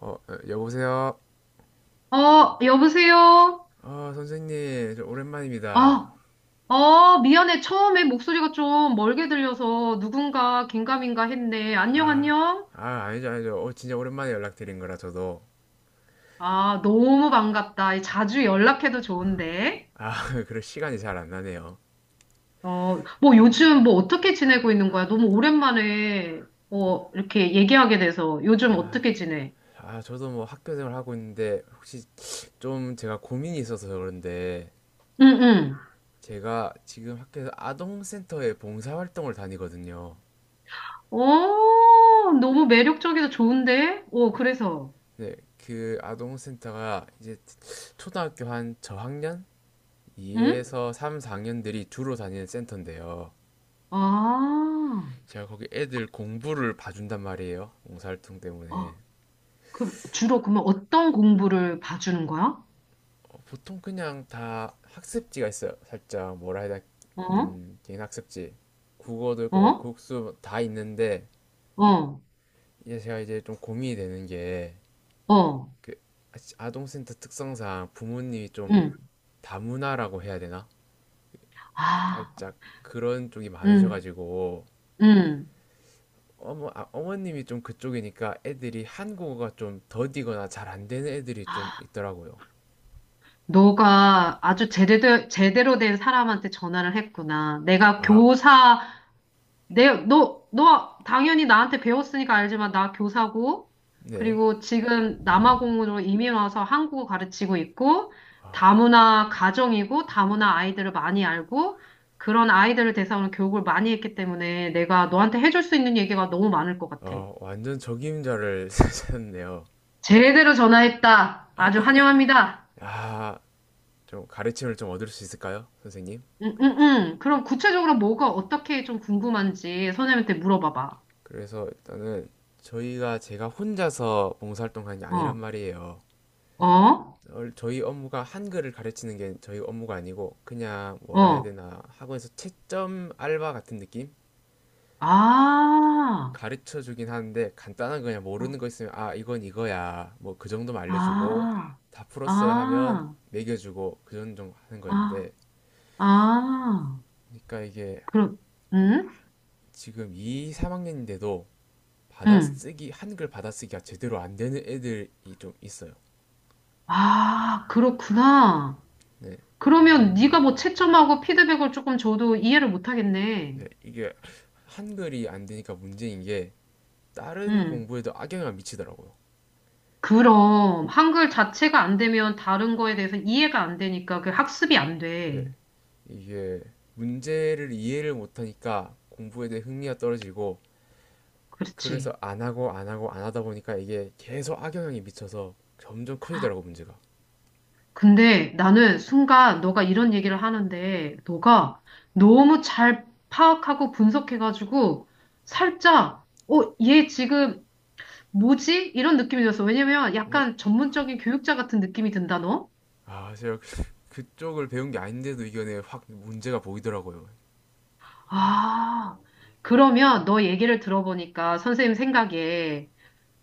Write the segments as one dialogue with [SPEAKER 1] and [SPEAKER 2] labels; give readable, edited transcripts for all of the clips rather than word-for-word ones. [SPEAKER 1] 여보세요?
[SPEAKER 2] 어, 여보세요?
[SPEAKER 1] 선생님, 저 오랜만입니다.
[SPEAKER 2] 아, 미안해. 처음에 목소리가 좀 멀게 들려서 누군가 긴가민가 했네. 안녕,
[SPEAKER 1] 아,
[SPEAKER 2] 안녕?
[SPEAKER 1] 아니죠, 아니죠. 진짜 오랜만에 연락드린 거라 저도.
[SPEAKER 2] 아, 너무 반갑다. 자주 연락해도 좋은데.
[SPEAKER 1] 아, 그럴 시간이 잘 안 나네요.
[SPEAKER 2] 뭐 요즘 뭐 어떻게 지내고 있는 거야? 너무 오랜만에, 이렇게 얘기하게 돼서 요즘 어떻게 지내?
[SPEAKER 1] 저도 뭐 학교 생활 하고 있는데, 혹시 좀 제가 고민이 있어서 그런데,
[SPEAKER 2] 응, 응.
[SPEAKER 1] 제가 지금 학교에서 아동센터에 봉사활동을 다니거든요.
[SPEAKER 2] 어, 너무 매력적이다. 좋은데? 어, 그래서,
[SPEAKER 1] 네, 그 아동센터가 이제 초등학교 한 저학년?
[SPEAKER 2] 응?
[SPEAKER 1] 2에서 3, 4학년들이 주로 다니는 센터인데요.
[SPEAKER 2] 아,
[SPEAKER 1] 제가 거기 애들 공부를 봐준단 말이에요. 봉사활동 때문에.
[SPEAKER 2] 아, 그, 주로 그러면 어떤 공부를 봐주는 거야?
[SPEAKER 1] 보통 그냥 다 학습지가 있어요. 살짝 뭐라 해야 돼?
[SPEAKER 2] 어?
[SPEAKER 1] 개인 학습지. 국어도 있고, 막
[SPEAKER 2] 어?
[SPEAKER 1] 국수 다 있는데,
[SPEAKER 2] 어?
[SPEAKER 1] 이제 제가 이제 좀 고민이 되는 게,
[SPEAKER 2] 어?
[SPEAKER 1] 그, 아동센터 특성상 부모님이 좀
[SPEAKER 2] 응.
[SPEAKER 1] 다문화라고 해야 되나?
[SPEAKER 2] 아,
[SPEAKER 1] 살짝 그런 쪽이
[SPEAKER 2] 응,
[SPEAKER 1] 많으셔가지고,
[SPEAKER 2] 응.
[SPEAKER 1] 어머님이 좀 그쪽이니까 애들이 한국어가 좀 더디거나 잘 안 되는 애들이 좀
[SPEAKER 2] 아,
[SPEAKER 1] 있더라고요.
[SPEAKER 2] 너가 아주 제대로, 제대로 된 사람한테 전화를 했구나. 내가
[SPEAKER 1] 아,
[SPEAKER 2] 교사, 너 당연히 나한테 배웠으니까 알지만 나 교사고,
[SPEAKER 1] 네.
[SPEAKER 2] 그리고 지금 남아공으로 이민 와서 한국어 가르치고 있고, 다문화 가정이고, 다문화 아이들을 많이 알고, 그런 아이들을 대상으로 교육을 많이 했기 때문에 내가 너한테 해줄 수 있는 얘기가 너무 많을 것 같아.
[SPEAKER 1] 완전 적임자를 쓰셨네요.
[SPEAKER 2] 제대로 전화했다. 아주 환영합니다.
[SPEAKER 1] 아, 좀 가르침을 좀 얻을 수 있을까요, 선생님?
[SPEAKER 2] 응, 응, 응. 그럼 구체적으로 뭐가 어떻게 좀 궁금한지 선생님한테 물어봐봐.
[SPEAKER 1] 그래서 일단은 저희가 제가 혼자서 봉사활동하는 게 아니란
[SPEAKER 2] 어,
[SPEAKER 1] 말이에요.
[SPEAKER 2] 어,
[SPEAKER 1] 저희 업무가 한글을 가르치는 게 저희 업무가 아니고 그냥 뭐라 해야
[SPEAKER 2] 어.
[SPEAKER 1] 되나 학원에서 채점 알바 같은 느낌?
[SPEAKER 2] 아,
[SPEAKER 1] 가르쳐 주긴 하는데 간단한 거 그냥 모르는
[SPEAKER 2] 어,
[SPEAKER 1] 거 있으면 아 이건 이거야 뭐 그 정도만 알려주고
[SPEAKER 2] 아,
[SPEAKER 1] 다 풀었어요 하면
[SPEAKER 2] 아,
[SPEAKER 1] 매겨주고 그 정도 하는
[SPEAKER 2] 아,
[SPEAKER 1] 거였는데
[SPEAKER 2] 아.
[SPEAKER 1] 그러니까 이게
[SPEAKER 2] 그럼, 응?
[SPEAKER 1] 지금 2, 3학년인데도
[SPEAKER 2] 응.
[SPEAKER 1] 받아쓰기 한글 받아쓰기가 제대로 안 되는 애들이 좀 있어요.
[SPEAKER 2] 아, 그렇구나.
[SPEAKER 1] 네,
[SPEAKER 2] 그러면 네가 뭐 채점하고 피드백을 조금 줘도 이해를 못 하겠네.
[SPEAKER 1] 네 이게 한글이 안 되니까 문제인 게 다른 공부에도 악영향을 미치더라고요.
[SPEAKER 2] 그럼 한글 자체가 안 되면 다른 거에 대해서 이해가 안 되니까 그 학습이 안
[SPEAKER 1] 네,
[SPEAKER 2] 돼.
[SPEAKER 1] 이게 문제를 이해를 못하니까 공부에 대해 흥미가 떨어지고 그래서
[SPEAKER 2] 그렇지.
[SPEAKER 1] 안 하고 안 하고 안 하다 보니까 이게 계속 악영향이 미쳐서 점점 커지더라고 문제가.
[SPEAKER 2] 근데 나는 순간 너가 이런 얘기를 하는데 너가 너무 잘 파악하고 분석해가지고 살짝 어, 얘 지금 뭐지? 이런 느낌이 들었어. 왜냐면 약간 전문적인 교육자 같은 느낌이 든다, 너?
[SPEAKER 1] 제가 그쪽을 배운 게 아닌데도 이게 확 문제가 보이더라고요.
[SPEAKER 2] 아, 그러면 너 얘기를 들어보니까 선생님 생각에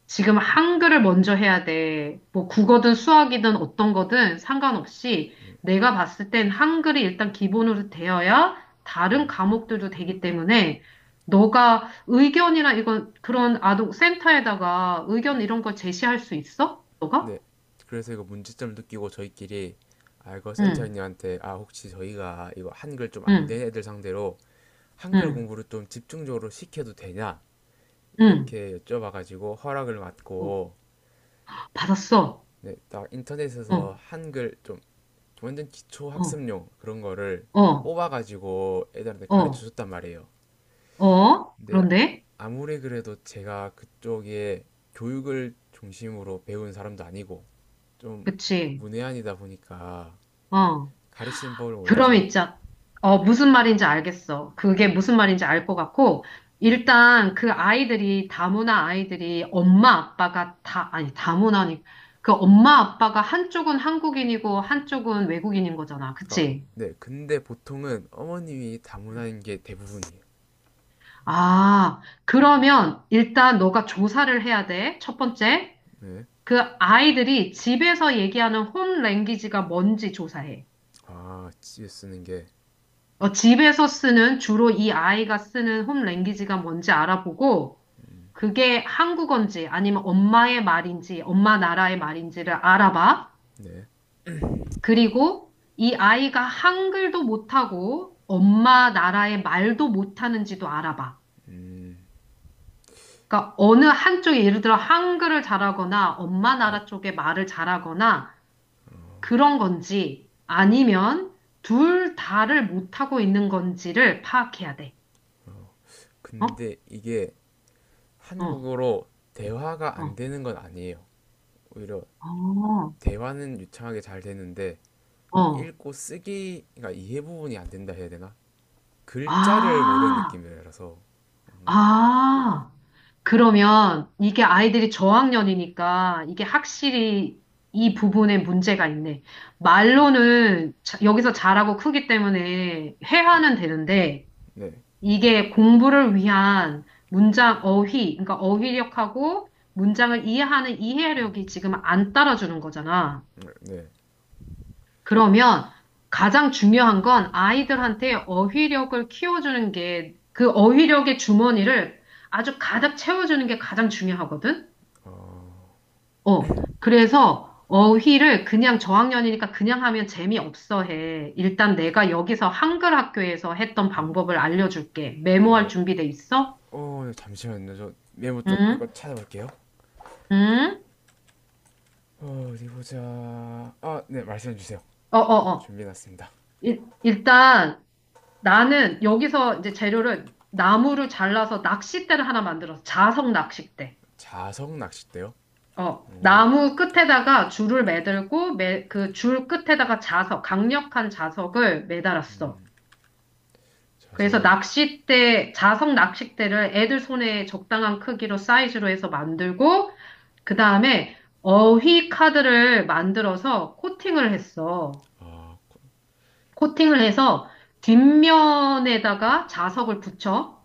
[SPEAKER 2] 지금 한글을 먼저 해야 돼. 뭐 국어든 수학이든 어떤 거든 상관없이 내가 봤을 땐 한글이 일단 기본으로 되어야 다른 과목들도 되기 때문에 너가 의견이나 이건 그런 아동 센터에다가 의견 이런 걸 제시할 수 있어? 너가?
[SPEAKER 1] 네. 그래서 이거 문제점 느끼고 저희끼리 이거
[SPEAKER 2] 응,
[SPEAKER 1] 센터장님한테 혹시 저희가 이거 한글 좀 안
[SPEAKER 2] 응,
[SPEAKER 1] 되는 애들 상대로 한글
[SPEAKER 2] 응,
[SPEAKER 1] 공부를 좀 집중적으로 시켜도 되냐
[SPEAKER 2] 응.
[SPEAKER 1] 이렇게 여쭤봐가지고 허락을
[SPEAKER 2] 어,
[SPEAKER 1] 받고
[SPEAKER 2] 받았어.
[SPEAKER 1] 네, 딱
[SPEAKER 2] 어,
[SPEAKER 1] 인터넷에서 한글 좀 완전 기초
[SPEAKER 2] 어,
[SPEAKER 1] 학습용 그런 거를
[SPEAKER 2] 어,
[SPEAKER 1] 뽑아가지고 애들한테
[SPEAKER 2] 어,
[SPEAKER 1] 가르쳐 줬단 말이에요.
[SPEAKER 2] 어.
[SPEAKER 1] 근데
[SPEAKER 2] 그런데?
[SPEAKER 1] 아무리 그래도 제가 그쪽에 교육을 중심으로 배운 사람도 아니고 좀
[SPEAKER 2] 그치.
[SPEAKER 1] 문외한이다 보니까
[SPEAKER 2] 어.
[SPEAKER 1] 가리심법을
[SPEAKER 2] 드럼
[SPEAKER 1] 몰라서
[SPEAKER 2] 있자. 어, 무슨 말인지 알겠어. 그게 무슨 말인지 알 것 같고,
[SPEAKER 1] 네.
[SPEAKER 2] 일단 그 아이들이, 다문화 아이들이 엄마 아빠가 다, 아니, 다문화니, 그 엄마 아빠가 한쪽은 한국인이고 한쪽은 외국인인 거잖아.
[SPEAKER 1] 어,
[SPEAKER 2] 그치?
[SPEAKER 1] 네. 근데 보통은 어머님이 다문화인 게 대부분이에요.
[SPEAKER 2] 아, 그러면 일단 너가 조사를 해야 돼. 첫 번째.
[SPEAKER 1] 네.
[SPEAKER 2] 그 아이들이 집에서 얘기하는 홈 랭귀지가 뭔지 조사해.
[SPEAKER 1] 집에 쓰는 게
[SPEAKER 2] 어, 집에서 쓰는, 주로 이 아이가 쓰는 홈 랭귀지가 뭔지 알아보고, 그게 한국어인지 아니면 엄마의 말인지 엄마 나라의 말인지를 알아봐.
[SPEAKER 1] 네.
[SPEAKER 2] 그리고 이 아이가 한글도 못하고 엄마 나라의 말도 못하는지도 알아봐.
[SPEAKER 1] 음.
[SPEAKER 2] 그러니까 어느 한쪽이 예를 들어 한글을 잘하거나 엄마 나라 쪽의 말을 잘하거나 그런 건지 아니면 둘 다를 못하고 있는 건지를 파악해야 돼. 어?
[SPEAKER 1] 근데 이게
[SPEAKER 2] 어,
[SPEAKER 1] 한국어로 대화가 안
[SPEAKER 2] 어,
[SPEAKER 1] 되는 건 아니에요. 오히려 대화는 유창하게 잘 되는데
[SPEAKER 2] 어, 어.
[SPEAKER 1] 읽고 쓰기 그러니까 이해 부분이 안 된다 해야 되나? 글자를 모르는
[SPEAKER 2] 아,
[SPEAKER 1] 느낌이라서
[SPEAKER 2] 아. 그러면 이게 아이들이 저학년이니까 이게 확실히 이 부분에 문제가 있네. 말로는 여기서 잘하고 크기 때문에 회화는 되는데
[SPEAKER 1] 네.
[SPEAKER 2] 이게 공부를 위한 문장 어휘, 그러니까 어휘력하고 문장을 이해하는 이해력이 지금 안 따라주는 거잖아.
[SPEAKER 1] 네.
[SPEAKER 2] 그러면 가장 중요한 건 아이들한테 어휘력을 키워주는 게 그 어휘력의 주머니를 아주 가득 채워주는 게 가장 중요하거든.
[SPEAKER 1] 어,
[SPEAKER 2] 어, 그래서 어휘를 그냥 저학년이니까 그냥 하면 재미없어 해. 일단 내가 여기서 한글 학교에서 했던 방법을 알려줄게. 메모할
[SPEAKER 1] 어,
[SPEAKER 2] 준비돼 있어?
[SPEAKER 1] 잠시만요. 저 메모 좀 하고
[SPEAKER 2] 응?
[SPEAKER 1] 찾아볼게요.
[SPEAKER 2] 응?
[SPEAKER 1] 어디 보자. 네, 말씀해 주세요.
[SPEAKER 2] 어, 어, 어.
[SPEAKER 1] 준비해놨습니다.
[SPEAKER 2] 일단 나는 여기서 이제 재료를 나무를 잘라서 낚싯대를 하나 만들어서 자석 낚싯대.
[SPEAKER 1] 자석 낚싯대요?
[SPEAKER 2] 어,
[SPEAKER 1] 오,
[SPEAKER 2] 나무 끝에다가 줄을 그 줄 끝에다가 자석, 강력한 자석을 매달았어. 그래서
[SPEAKER 1] 자석을,
[SPEAKER 2] 낚싯대, 자석 낚싯대를 애들 손에 적당한 크기로 사이즈로 해서 만들고, 그 다음에 어휘 카드를 만들어서 코팅을 했어.
[SPEAKER 1] 아,
[SPEAKER 2] 코팅을 해서 뒷면에다가 자석을 붙여.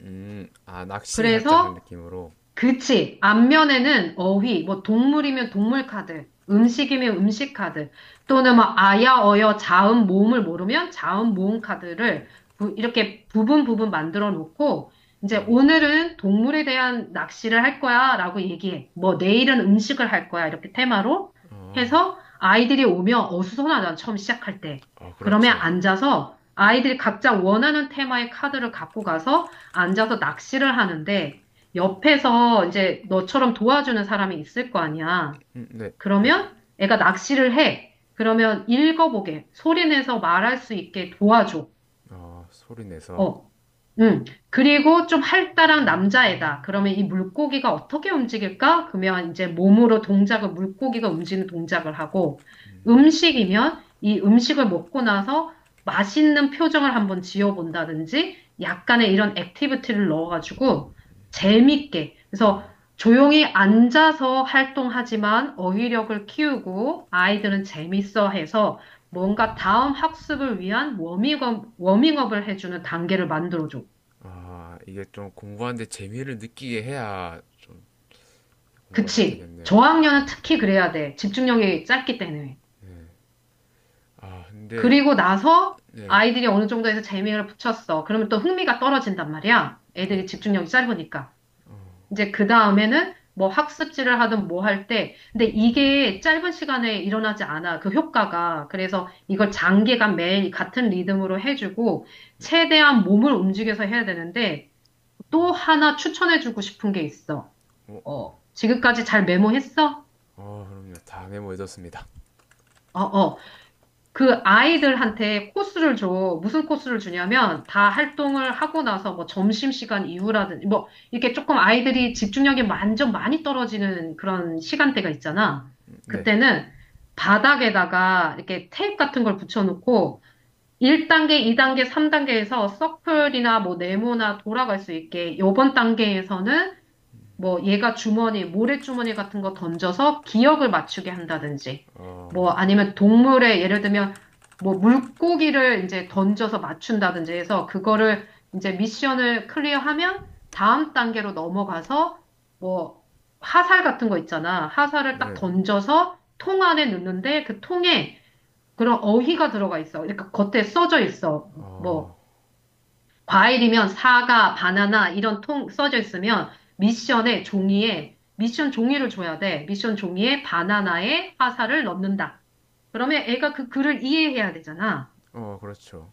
[SPEAKER 1] 낚시 살짝 하는
[SPEAKER 2] 그래서
[SPEAKER 1] 느낌으로.
[SPEAKER 2] 그치. 앞면에는 어휘, 뭐 동물이면 동물 카드, 음식이면 음식 카드, 또는 뭐 아야, 어여, 자음, 모음을 모르면 자음, 모음 카드를 이렇게 부분 부분 만들어 놓고, 이제 오늘은 동물에 대한 낚시를 할 거야 라고 얘기해. 뭐 내일은 음식을 할 거야 이렇게 테마로
[SPEAKER 1] 어,
[SPEAKER 2] 해서 아이들이 오면 어수선하잖아. 처음 시작할 때. 그러면
[SPEAKER 1] 그렇죠.
[SPEAKER 2] 앉아서 아이들이 각자 원하는 테마의 카드를 갖고 가서 앉아서 낚시를 하는데, 옆에서 이제 너처럼 도와주는 사람이 있을 거 아니야.
[SPEAKER 1] 네,
[SPEAKER 2] 그러면 애가 낚시를 해. 그러면 읽어보게, 소리 내서 말할 수 있게 도와줘.
[SPEAKER 1] 소리 내서.
[SPEAKER 2] 어, 그리고 좀 활달한 남자애다. 그러면 이 물고기가 어떻게 움직일까? 그러면 이제 몸으로 동작을, 물고기가 움직이는 동작을 하고, 음식이면 이 음식을 먹고 나서 맛있는 표정을 한번 지어본다든지, 약간의 이런 액티비티를 넣어가지고, 재밌게. 그래서
[SPEAKER 1] 아,
[SPEAKER 2] 조용히 앉아서 활동하지만 어휘력을 키우고, 아이들은 재밌어 해서, 뭔가 다음 학습을 위한 워밍업, 워밍업을 해주는 단계를 만들어줘.
[SPEAKER 1] 이게 좀 공부하는데 재미를 느끼게 해야 좀 공부가 좀
[SPEAKER 2] 그치?
[SPEAKER 1] 되겠네요.
[SPEAKER 2] 저학년은 특히 그래야 돼. 집중력이 짧기 때문에.
[SPEAKER 1] 근데,
[SPEAKER 2] 그리고 나서
[SPEAKER 1] 네,
[SPEAKER 2] 아이들이 어느 정도에서 재미를 붙였어. 그러면 또 흥미가 떨어진단 말이야.
[SPEAKER 1] 네,
[SPEAKER 2] 애들이 집중력이 짧으니까. 이제 그 다음에는 뭐 학습지를 하든 뭐 할 때. 근데 이게 짧은 시간에 일어나지 않아. 그 효과가. 그래서 이걸 장기간 매일 같은 리듬으로 해주고 최대한 몸을 움직여서 해야 되는데 또 하나 추천해주고 싶은 게 있어.
[SPEAKER 1] 뭐,
[SPEAKER 2] 어, 지금까지 잘 메모했어?
[SPEAKER 1] 그럼요. 다 메모해뒀습니다.
[SPEAKER 2] 어, 어. 그 아이들한테 코스를 줘. 무슨 코스를 주냐면 다 활동을 하고 나서 뭐 점심시간 이후라든지 뭐 이렇게 조금 아이들이 집중력이 완전 많이 떨어지는 그런 시간대가 있잖아.
[SPEAKER 1] 네,
[SPEAKER 2] 그때는 바닥에다가 이렇게 테이프 같은 걸 붙여놓고 1단계, 2단계, 3단계에서 서클이나 뭐 네모나 돌아갈 수 있게 요번 단계에서는 뭐 얘가 주머니, 모래주머니 같은 거 던져서 기억을 맞추게 한다든지, 뭐 아니면 동물의 예를 들면 뭐 물고기를 이제 던져서 맞춘다든지 해서 그거를 이제 미션을 클리어하면 다음 단계로 넘어가서 뭐 화살 같은 거 있잖아. 화살을 딱
[SPEAKER 1] 네,
[SPEAKER 2] 던져서 통 안에 넣는데 그 통에 그런 어휘가 들어가 있어. 그러니까 겉에 써져 있어.
[SPEAKER 1] 어,
[SPEAKER 2] 뭐 과일이면 사과, 바나나 이런 통 써져 있으면 미션에 종이에 미션 종이를 줘야 돼. 미션 종이에 바나나에 화살을 넣는다. 그러면 애가 그 글을 이해해야 되잖아.
[SPEAKER 1] 그렇죠.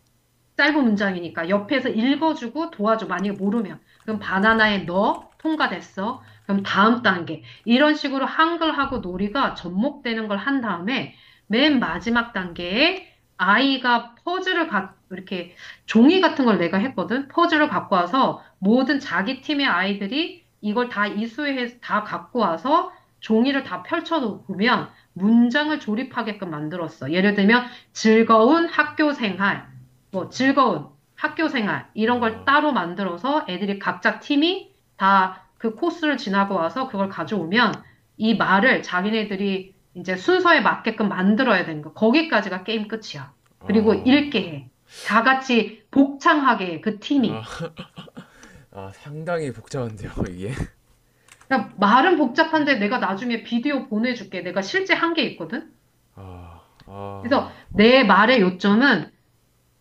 [SPEAKER 2] 짧은 문장이니까 옆에서 읽어주고 도와줘. 만약에 모르면. 그럼 바나나에 넣어. 통과됐어. 그럼 다음 단계. 이런 식으로 한글하고 놀이가 접목되는 걸 한 다음에 맨 마지막 단계에 아이가 퍼즐을 가, 이렇게 종이 같은 걸 내가 했거든. 퍼즐을 갖고 와서 모든 자기 팀의 아이들이 이걸 다 이수해서 다 갖고 와서 종이를 다 펼쳐놓으면 문장을 조립하게끔 만들었어. 예를 들면 즐거운 학교 생활. 뭐 즐거운 학교 생활 이런 걸
[SPEAKER 1] 어,
[SPEAKER 2] 따로 만들어서 애들이 각자 팀이 다 그 코스를 지나고 와서 그걸 가져오면 이 말을 자기네들이 이제 순서에 맞게끔 만들어야 되는 거. 거기까지가 게임 끝이야. 그리고
[SPEAKER 1] 어.
[SPEAKER 2] 읽게 해. 다 같이 복창하게 해, 그 팀이.
[SPEAKER 1] 상당히 복잡한데요, 이게.
[SPEAKER 2] 그러니까 말은 복잡한데 내가 나중에 비디오 보내줄게. 내가 실제 한 게 있거든.
[SPEAKER 1] 아,
[SPEAKER 2] 그래서
[SPEAKER 1] 아,
[SPEAKER 2] 내 말의 요점은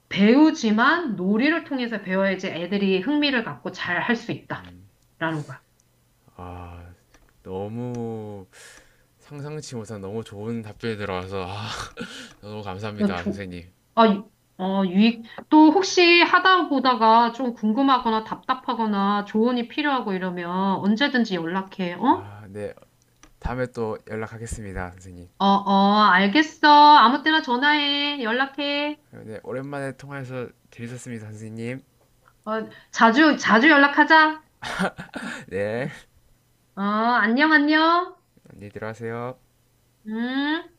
[SPEAKER 2] 배우지만 놀이를 통해서 배워야지 애들이 흥미를 갖고 잘 할 수 있다라는 거야.
[SPEAKER 1] 아, 너무 상상치 못한 너무 좋은 답변이 들어와서 너무
[SPEAKER 2] 어,
[SPEAKER 1] 감사합니다,
[SPEAKER 2] 조,
[SPEAKER 1] 선생님.
[SPEAKER 2] 아, 유- 어, 유익, 또 혹시 하다 보다가 좀 궁금하거나 답답하거나 조언이 필요하고 이러면 언제든지 연락해, 어?
[SPEAKER 1] 네, 다음에 또 연락하겠습니다, 선생님.
[SPEAKER 2] 어, 어, 알겠어. 아무 때나 전화해. 연락해.
[SPEAKER 1] 네, 오랜만에 통화해서 재밌었습니다, 선생님.
[SPEAKER 2] 어, 자주, 자주 연락하자.
[SPEAKER 1] 네,
[SPEAKER 2] 어, 안녕, 안녕.
[SPEAKER 1] 안녕히 들어가세요.
[SPEAKER 2] 음.